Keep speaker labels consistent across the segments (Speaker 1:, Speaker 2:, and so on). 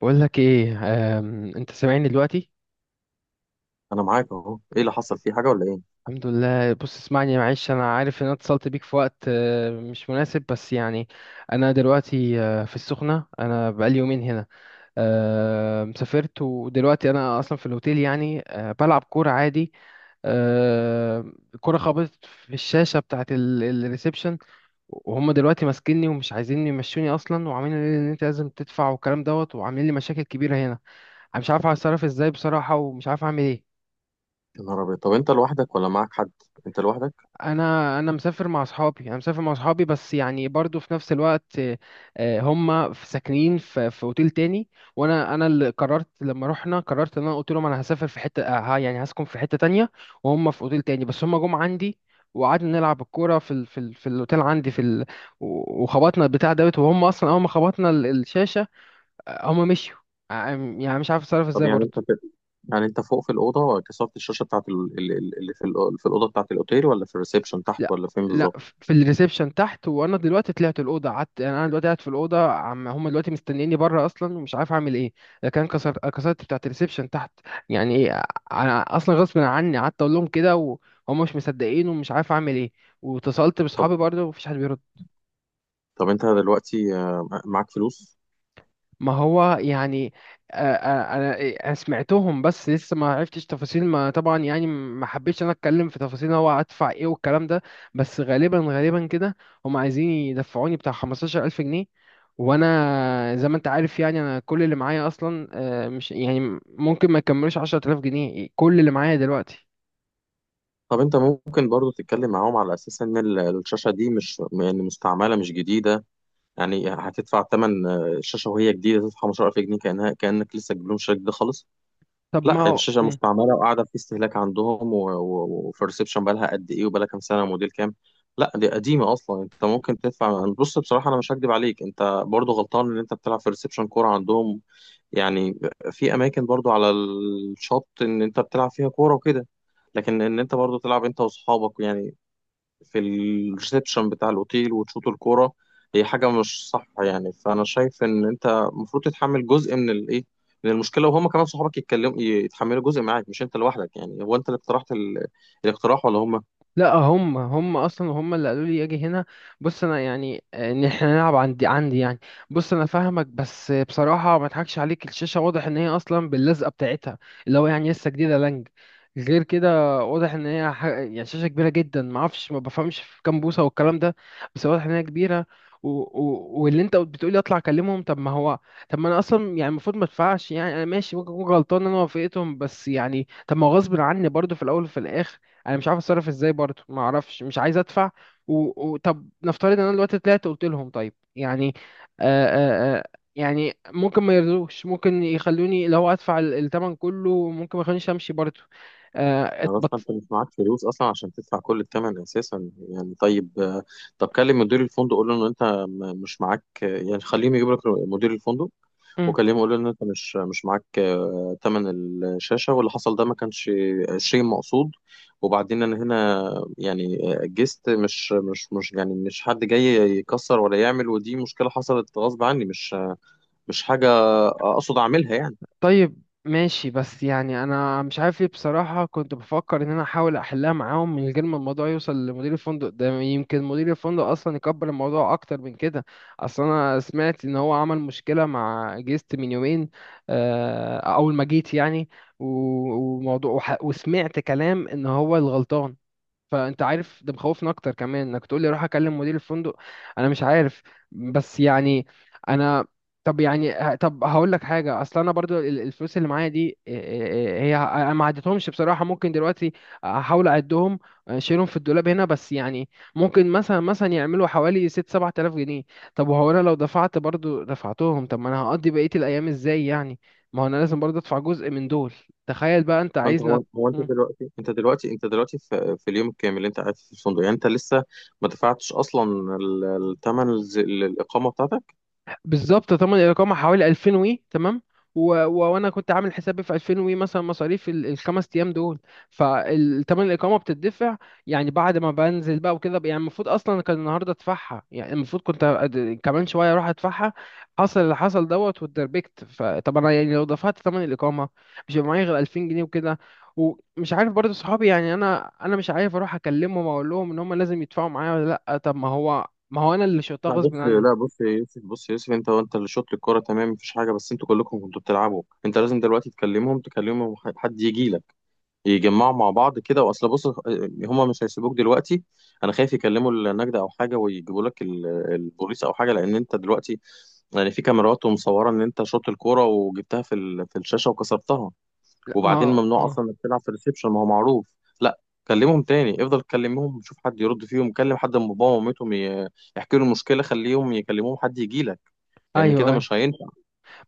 Speaker 1: بقول لك ايه. انت سامعني دلوقتي؟
Speaker 2: انا معاك اهو، ايه اللي حصل؟ في حاجه ولا ايه؟
Speaker 1: الحمد لله. بص اسمعني، معلش انا عارف ان انا اتصلت بيك في وقت مش مناسب، بس يعني. انا دلوقتي في السخنة. انا بقالي يومين هنا. سافرت ودلوقتي انا اصلا في الاوتيل، يعني بلعب كورة عادي. الكورة خبطت في الشاشة بتاعت الريسبشن. وهم دلوقتي ماسكيني ومش عايزين يمشوني اصلا، وعاملين لي ان انت لازم تدفع والكلام دوت، وعاملين لي مشاكل كبيرة هنا. انا مش عارف اتصرف ازاي بصراحة، ومش عارف اعمل ايه.
Speaker 2: يا نهار ابيض، طب انت لوحدك ولا معاك حد؟ انت لوحدك؟
Speaker 1: انا مسافر مع اصحابي، بس يعني برضو في نفس الوقت. هم ساكنين في اوتيل تاني. وانا اللي قررت لما رحنا، قررت ان انا قلت لهم انا هسافر في حته، آه، ها يعني هسكن في حته تانية. وهم في اوتيل تاني، بس هم جم عندي. وقعدنا نلعب الكوره في الاوتيل عندي وخبطنا البتاع دوت، وهم اصلا اول ما خبطنا الشاشه. هم مشيوا. آه، يعني مش عارف اتصرف
Speaker 2: طب
Speaker 1: ازاي
Speaker 2: يعني انت
Speaker 1: برضو.
Speaker 2: كده يعني انت فوق في الاوضه كسرت الشاشه بتاعت في الاوضه بتاعت الاوتيل، ولا في الريسبشن تحت،
Speaker 1: لا،
Speaker 2: ولا فين
Speaker 1: لا،
Speaker 2: بالظبط؟
Speaker 1: في الريسبشن تحت. وانا دلوقتي طلعت الاوضه قعدت، يعني انا دلوقتي قاعد في الاوضه، عم هم دلوقتي مستنيني بره اصلا، ومش عارف اعمل ايه. لكن أنا كسرت بتاعه الريسبشن تحت. يعني ايه؟ انا اصلا غصب عني قعدت اقول لهم كده، وهم مش مصدقين، ومش عارف اعمل ايه. واتصلت
Speaker 2: طب
Speaker 1: بصحابي برضه، ومفيش حد بيرد.
Speaker 2: طب انت دلوقتي معاك فلوس؟
Speaker 1: ما هو يعني. انا. أنا سمعتهم بس لسه ما عرفتش تفاصيل، ما طبعا يعني ما حبيتش انا اتكلم في تفاصيل هو هدفع ايه والكلام ده. بس غالبا غالبا كده. هم عايزين يدفعوني بتاع 15000 جنيه. وانا زي ما انت عارف، يعني انا كل اللي معايا اصلا مش، يعني ممكن ما يكملوش 10000 جنيه كل اللي معايا دلوقتي.
Speaker 2: طب انت ممكن برضو تتكلم معاهم على اساس ان الشاشه دي مش يعني مستعمله، مش جديده. يعني هتدفع ثمن الشاشه وهي جديده؟ تدفع 15000 جنيه كانها، كانك لسه جبت لهم الشاشه دي خالص؟
Speaker 1: طب
Speaker 2: لا،
Speaker 1: ما
Speaker 2: يعني الشاشه
Speaker 1: هو.
Speaker 2: مستعمله وقاعده في استهلاك عندهم، وبرسبشن بقى لها قد ايه، وبقى لها كام سنه، موديل كام. لا دي قديمه اصلا. انت ممكن تدفع، بص بصراحه انا مش هكدب عليك، انت برضو غلطان ان انت بتلعب في ريسبشن كوره عندهم. يعني في اماكن برضو على الشط ان انت بتلعب فيها كوره وكده، لكن ان انت برضو تلعب انت واصحابك يعني في الريسبشن بتاع الأوتيل وتشوط الكورة، هي حاجة مش صح. يعني فأنا شايف إن أنت المفروض تتحمل جزء من الإيه، من المشكلة، وهما كمان صحابك يتكلموا، يتحملوا جزء معاك، مش أنت لوحدك. يعني هو أنت اللي اقترحت الاقتراح ولا هما؟
Speaker 1: لا، هم اصلا هم اللي قالوا لي اجي هنا. بص انا يعني ان احنا نلعب عندي عندي يعني. بص انا فاهمك، بس بصراحه ما اضحكش عليك، الشاشه واضح ان هي اصلا باللزقه بتاعتها، اللي هو يعني لسه جديده لانج. غير كده واضح ان هي يعني شاشه كبيره جدا، ما اعرفش، ما بفهمش في كام بوصه والكلام ده، بس واضح ان هي كبيره. واللي انت بتقولي اطلع اكلمهم، طب ما هو. طب ما انا اصلا يعني المفروض ما ادفعش، يعني انا ماشي، ممكن اكون غلطان إن انا وافقتهم، بس يعني طب ما هو غصب عني برضو في الاول وفي الاخر. انا مش عارف اتصرف ازاي برضه، ما اعرفش، مش عايز ادفع. و... طب نفترض ان انا دلوقتي طلعت قلت لهم طيب، يعني آه آه آه يعني ممكن ما يرضوش، ممكن يخلوني لو ادفع الثمن كله، ممكن ما يخلونيش امشي برضه. آه
Speaker 2: بس
Speaker 1: اتبط.
Speaker 2: أنت مش معاك فلوس أصلا عشان تدفع كل الثمن أساسا. يعني طيب طب كلم مدير الفندق، قول له إن أنت مش معاك يعني خليهم يجيب لك مدير الفندق وكلمه، قالوا ان انت مش معاك تمن الشاشه، واللي حصل ده ما كانش 20 مقصود. وبعدين انا هنا يعني جست، مش حد جاي يكسر ولا يعمل، ودي مشكله حصلت غصب عني، مش حاجه اقصد اعملها يعني.
Speaker 1: طيب ماشي، بس يعني انا مش عارف ايه بصراحة. كنت بفكر ان انا احاول احلها معاهم من غير ما الموضوع يوصل لمدير الفندق، ده يمكن مدير الفندق اصلا يكبر الموضوع اكتر من كده. اصل انا سمعت ان هو عمل مشكلة مع جيست من يومين، اول ما جيت يعني. و- وموضوع، وسمعت كلام ان هو الغلطان. فانت عارف ده مخوفني اكتر كمان، انك تقول لي روح اكلم مدير الفندق. انا مش عارف، بس يعني انا، طب يعني طب هقول لك حاجه. اصل انا برضو الفلوس اللي معايا دي، هي انا ما عدتهمش بصراحه، ممكن دلوقتي احاول اعدهم، اشيلهم في الدولاب هنا، بس يعني ممكن مثلا يعملوا حوالي 6 7000 جنيه. طب وهو انا لو دفعت برضو دفعتهم، طب ما انا هقضي بقيه الايام ازاي يعني. ما هو انا لازم برضو ادفع جزء من دول. تخيل بقى انت
Speaker 2: هو انت
Speaker 1: عايزنا.
Speaker 2: هو هو انت دلوقتي انت دلوقتي انت دلوقتي في, في اليوم الكامل اللي انت قاعد فيه في الفندق يعني انت لسه ما دفعتش اصلا الثمن، الاقامه بتاعتك.
Speaker 1: بالظبط، طبعا الإقامة حوالي 2000 وي تمام. وأنا كنت عامل حسابي في 2000 وي مثلا مصاريف الخمس أيام دول، فالتمن الإقامة بتدفع، يعني بعد ما بنزل بقى وكده، يعني المفروض أصلا كان النهاردة أدفعها، يعني المفروض كنت كمان شوية أروح أدفعها. حصل اللي حصل دوت واتدربكت، فطب أنا يعني لو دفعت تمن الإقامة، مش هيبقى معايا غير 2000 جنيه وكده. ومش عارف برضه صحابي، يعني أنا مش عارف أروح أكلمهم أقول لهم إن هم لازم يدفعوا معايا ولا لأ. طب ما هو، ما هو أنا اللي شلتها
Speaker 2: لا
Speaker 1: غصب
Speaker 2: بص،
Speaker 1: عني.
Speaker 2: يا يوسف، انت وانت اللي شوط للكرة، تمام مفيش حاجة، بس انتوا كلكم كنتوا بتلعبوا. انت لازم دلوقتي تكلمهم، تكلمهم حد يجي لك، يجمعوا مع بعض كده، واصل بص هما مش هيسيبوك دلوقتي. انا خايف يكلموا النجدة او حاجة ويجيبوا لك البوليس او حاجة، لان انت دلوقتي يعني في كاميرات ومصورة ان انت شوط الكرة وجبتها في في الشاشة وكسرتها.
Speaker 1: لا، ما
Speaker 2: وبعدين
Speaker 1: هو-
Speaker 2: ممنوع
Speaker 1: اه،
Speaker 2: اصلا انك تلعب في الريسبشن، ما هو معروف. لا، كلمهم تاني، افضل كلمهم شوف حد يرد فيهم، كلم حد من باباهم ومامتهم يحكي له المشكله، خليهم يكلموهم حد يجي لك، لان كده
Speaker 1: ايوه، ايوه،
Speaker 2: مش هينفع.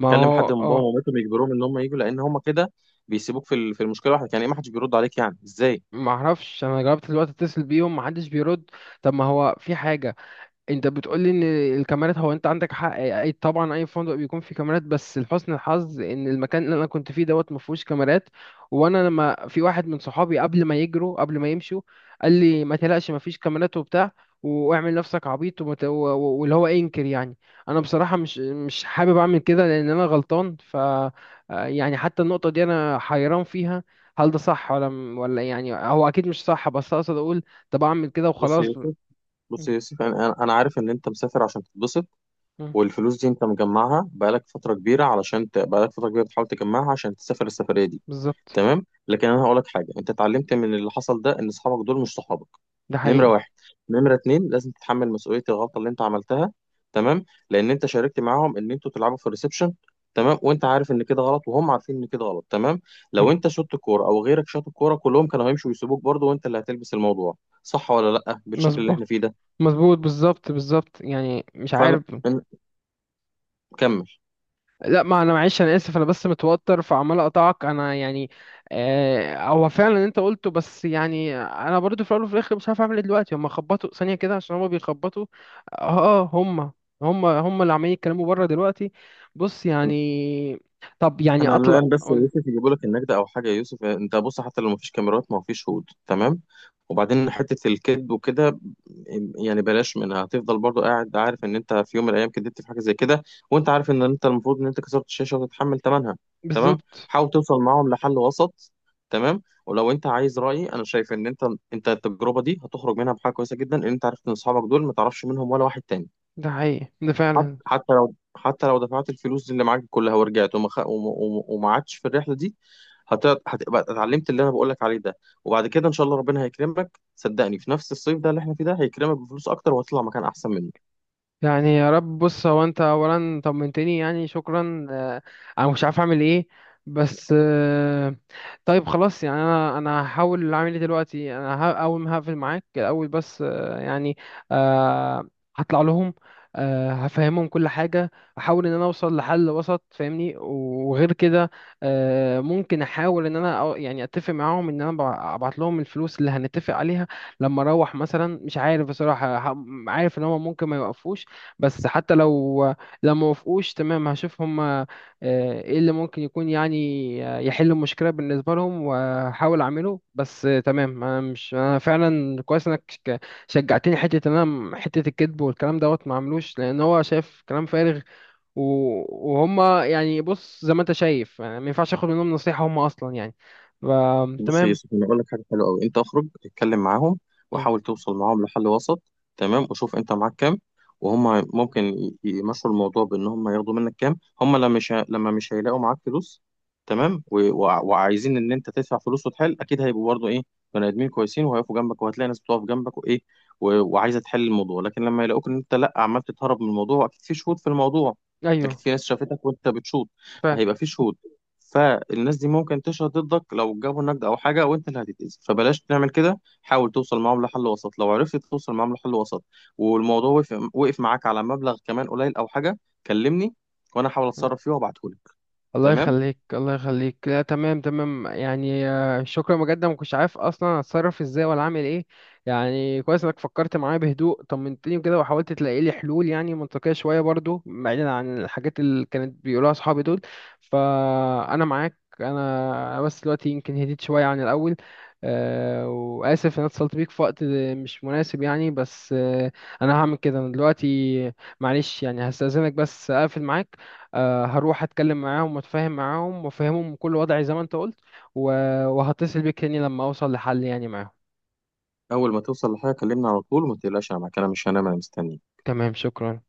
Speaker 1: ما
Speaker 2: كلم
Speaker 1: هو،
Speaker 2: حد من باباهم
Speaker 1: اه.
Speaker 2: ومامتهم يجبرهم ان هم يجوا، لان هم كده بيسيبوك في في المشكله لوحدك. يعني ايه ما حدش بيرد عليك؟ يعني ازاي؟
Speaker 1: ما اعرفش. انا جربت دلوقتي اتصل بيهم، ما حدش بيرد. طب ما هو في حاجه، انت بتقولي ان الكاميرات، هو انت عندك حق، اي طبعا اي فندق بيكون فيه كاميرات، بس لحسن الحظ ان المكان اللي انا كنت فيه دوت ما فيهوش كاميرات. وانا لما في واحد من صحابي، قبل ما يجروا، قبل ما يمشوا، قال لي ما تقلقش، ما فيش كاميرات وبتاع، واعمل نفسك عبيط واللي هو انكر يعني. انا بصراحة مش حابب اعمل كده لان انا غلطان ف آه، يعني حتى النقطة دي انا حيران فيها، هل ده صح ولا يعني. هو اكيد مش صح، بس اقصد اقول طب اعمل كده
Speaker 2: بص يا
Speaker 1: وخلاص
Speaker 2: يوسف، انا عارف ان انت مسافر عشان تتبسط،
Speaker 1: م-
Speaker 2: والفلوس دي انت مجمعها بقالك فتره كبيره علشان بقالك فتره كبيره بتحاول تجمعها عشان تسافر السفريه دي،
Speaker 1: بالظبط.
Speaker 2: تمام. لكن انا هقول لك حاجه، انت اتعلمت من اللي حصل ده ان اصحابك دول مش صحابك،
Speaker 1: ده
Speaker 2: نمره
Speaker 1: حقيقي.
Speaker 2: واحد. نمره اتنين، لازم تتحمل مسؤوليه الغلطه اللي انت عملتها، تمام، لان انت شاركت معاهم ان انتوا تلعبوا في الريسبشن، تمام، وانت عارف ان كده غلط وهم عارفين ان كده غلط، تمام. لو
Speaker 1: مم.
Speaker 2: انت شوت الكوره او غيرك شاط الكوره، كلهم كانوا هيمشوا ويسيبوك برضه، وانت اللي هتلبس الموضوع، صح ولا لا، بالشكل اللي احنا فيه
Speaker 1: مظبوط،
Speaker 2: ده؟
Speaker 1: مظبوط، بالظبط، بالظبط، يعني مش
Speaker 2: فعلا،
Speaker 1: عارف.
Speaker 2: إن- كمل.
Speaker 1: لا، ما انا معلش، انا اسف، انا بس متوتر فعمال اقطعك انا يعني. هو فعلا اللي انت قلته، بس يعني انا برضو في الاول وفي الاخر مش عارف اعمل ايه. دلوقتي هم خبطوا ثانيه كده عشان هم بيخبطوا. اه، هم اللي عمالين يتكلموا بره دلوقتي. بص يعني، طب يعني
Speaker 2: انا
Speaker 1: اطلع.
Speaker 2: الان بس يا يوسف، يجيبوا لك النجدة او حاجه يا يوسف، انت بص حتى لو مفيش كاميرات، ما هو في شهود، تمام. وبعدين حته الكذب وكده يعني بلاش منها، هتفضل برضو قاعد عارف ان انت في يوم من الايام كدبت في حاجه زي كده، وانت عارف ان انت المفروض ان انت كسرت الشاشه وتتحمل ثمنها، تمام.
Speaker 1: بالظبط،
Speaker 2: حاول توصل معاهم لحل وسط، تمام، ولو انت عايز رايي انا شايف ان انت التجربه دي هتخرج منها بحاجه كويسه جدا، ان انت عرفت ان اصحابك دول ما تعرفش منهم ولا واحد تاني.
Speaker 1: ده حقيقي، ده
Speaker 2: حت-
Speaker 1: فعلا.
Speaker 2: حتى لو حتى لو دفعت الفلوس اللي معاك كلها ورجعت، وما خ... وما وما- وما عادش في الرحله دي، هتبقى اتعلمت اللي انا بقول لك عليه ده. وبعد كده ان شاء الله ربنا هيكرمك، صدقني في نفس الصيف ده اللي احنا فيه ده هيكرمك بفلوس اكتر وهتطلع مكان احسن منه.
Speaker 1: يعني يا رب. بص هو انت اولا طمنتني، يعني شكرا. انا مش عارف اعمل ايه، بس طيب خلاص. يعني انا هحاول اعمل ايه دلوقتي. انا اول ما هقفل معاك الاول، بس يعني آه، هطلع لهم، هفهمهم كل حاجة. احاول ان انا اوصل لحل وسط، فاهمني، وغير كده ممكن احاول ان انا يعني اتفق معاهم ان انا ابعت لهم الفلوس اللي هنتفق عليها لما اروح مثلا. مش عارف بصراحة، عارف ان هم ممكن ما يوقفوش، بس حتى لو، لو ما وافقوش، تمام هشوف هم ايه اللي ممكن يكون، يعني يحل المشكله بالنسبه لهم، واحاول اعمله، بس تمام. انا مش، انا فعلا كويس انك شجعتني، حته ان انا حته الكذب والكلام دوت ما عملوش، لان هو شايف كلام فارغ. وهم يعني بص زي ما انت شايف، يعني ما ينفعش اخد منهم نصيحه، هم اصلا يعني. ف-
Speaker 2: بص يا
Speaker 1: تمام.
Speaker 2: يوسف، انا اقول لك حاجه حلوه قوي، انت اخرج اتكلم معاهم
Speaker 1: مم.
Speaker 2: وحاول توصل معاهم لحل وسط، تمام. وشوف انت معاك كام، وهم ممكن يمشوا الموضوع بان هم ياخدوا منك كام، هم لما مش هيلاقوا معاك فلوس، تمام، وعايزين ان انت تدفع فلوس وتحل، اكيد هيبقوا برضه ايه، بني ادمين كويسين، وهيقفوا جنبك، وهتلاقي ناس بتقف جنبك وايه، وعايزه تحل الموضوع. لكن لما يلاقوك ان انت لا، عمال تتهرب من الموضوع، اكيد في شهود في الموضوع، اكيد
Speaker 1: ايوه
Speaker 2: في ناس شافتك وانت بتشوط،
Speaker 1: فعلا.
Speaker 2: فهيبقى في شهود، فالناس دي ممكن تشهد ضدك لو جابوا نقد او حاجه وانت اللي هتتأذي. فبلاش تعمل كده، حاول توصل معاهم لحل وسط. لو عرفت توصل معاهم لحل وسط والموضوع وقف معاك على مبلغ كمان قليل او حاجه، كلمني وانا احاول اتصرف فيه وابعتهولك.
Speaker 1: الله
Speaker 2: تمام،
Speaker 1: يخليك، الله يخليك، لا تمام، تمام، يعني شكرا بجد، ما كنتش عارف اصلا اتصرف ازاي ولا اعمل ايه. يعني كويس انك فكرت معايا بهدوء، طمنتني كده، وحاولت تلاقي لي حلول يعني منطقية شوية برضو، بعيدا عن الحاجات اللي كانت بيقولوها اصحابي دول. فانا معاك، انا بس دلوقتي يمكن هديت شوية عن الاول. وآسف إن أنا اتصلت بيك في وقت مش مناسب، يعني بس أنا هعمل كده. أنا دلوقتي معلش يعني هستأذنك بس أقفل معاك. هروح اتكلم معاهم واتفاهم معاهم وافهمهم كل وضعي زي ما انت قلت. وهتصل بيك تاني لما اوصل لحل يعني معاهم.
Speaker 2: اول ما توصل لحاجه كلمني على طول، وما تقلقش انا معاك، انا مش هنام، انا مستني.
Speaker 1: تمام، شكرا.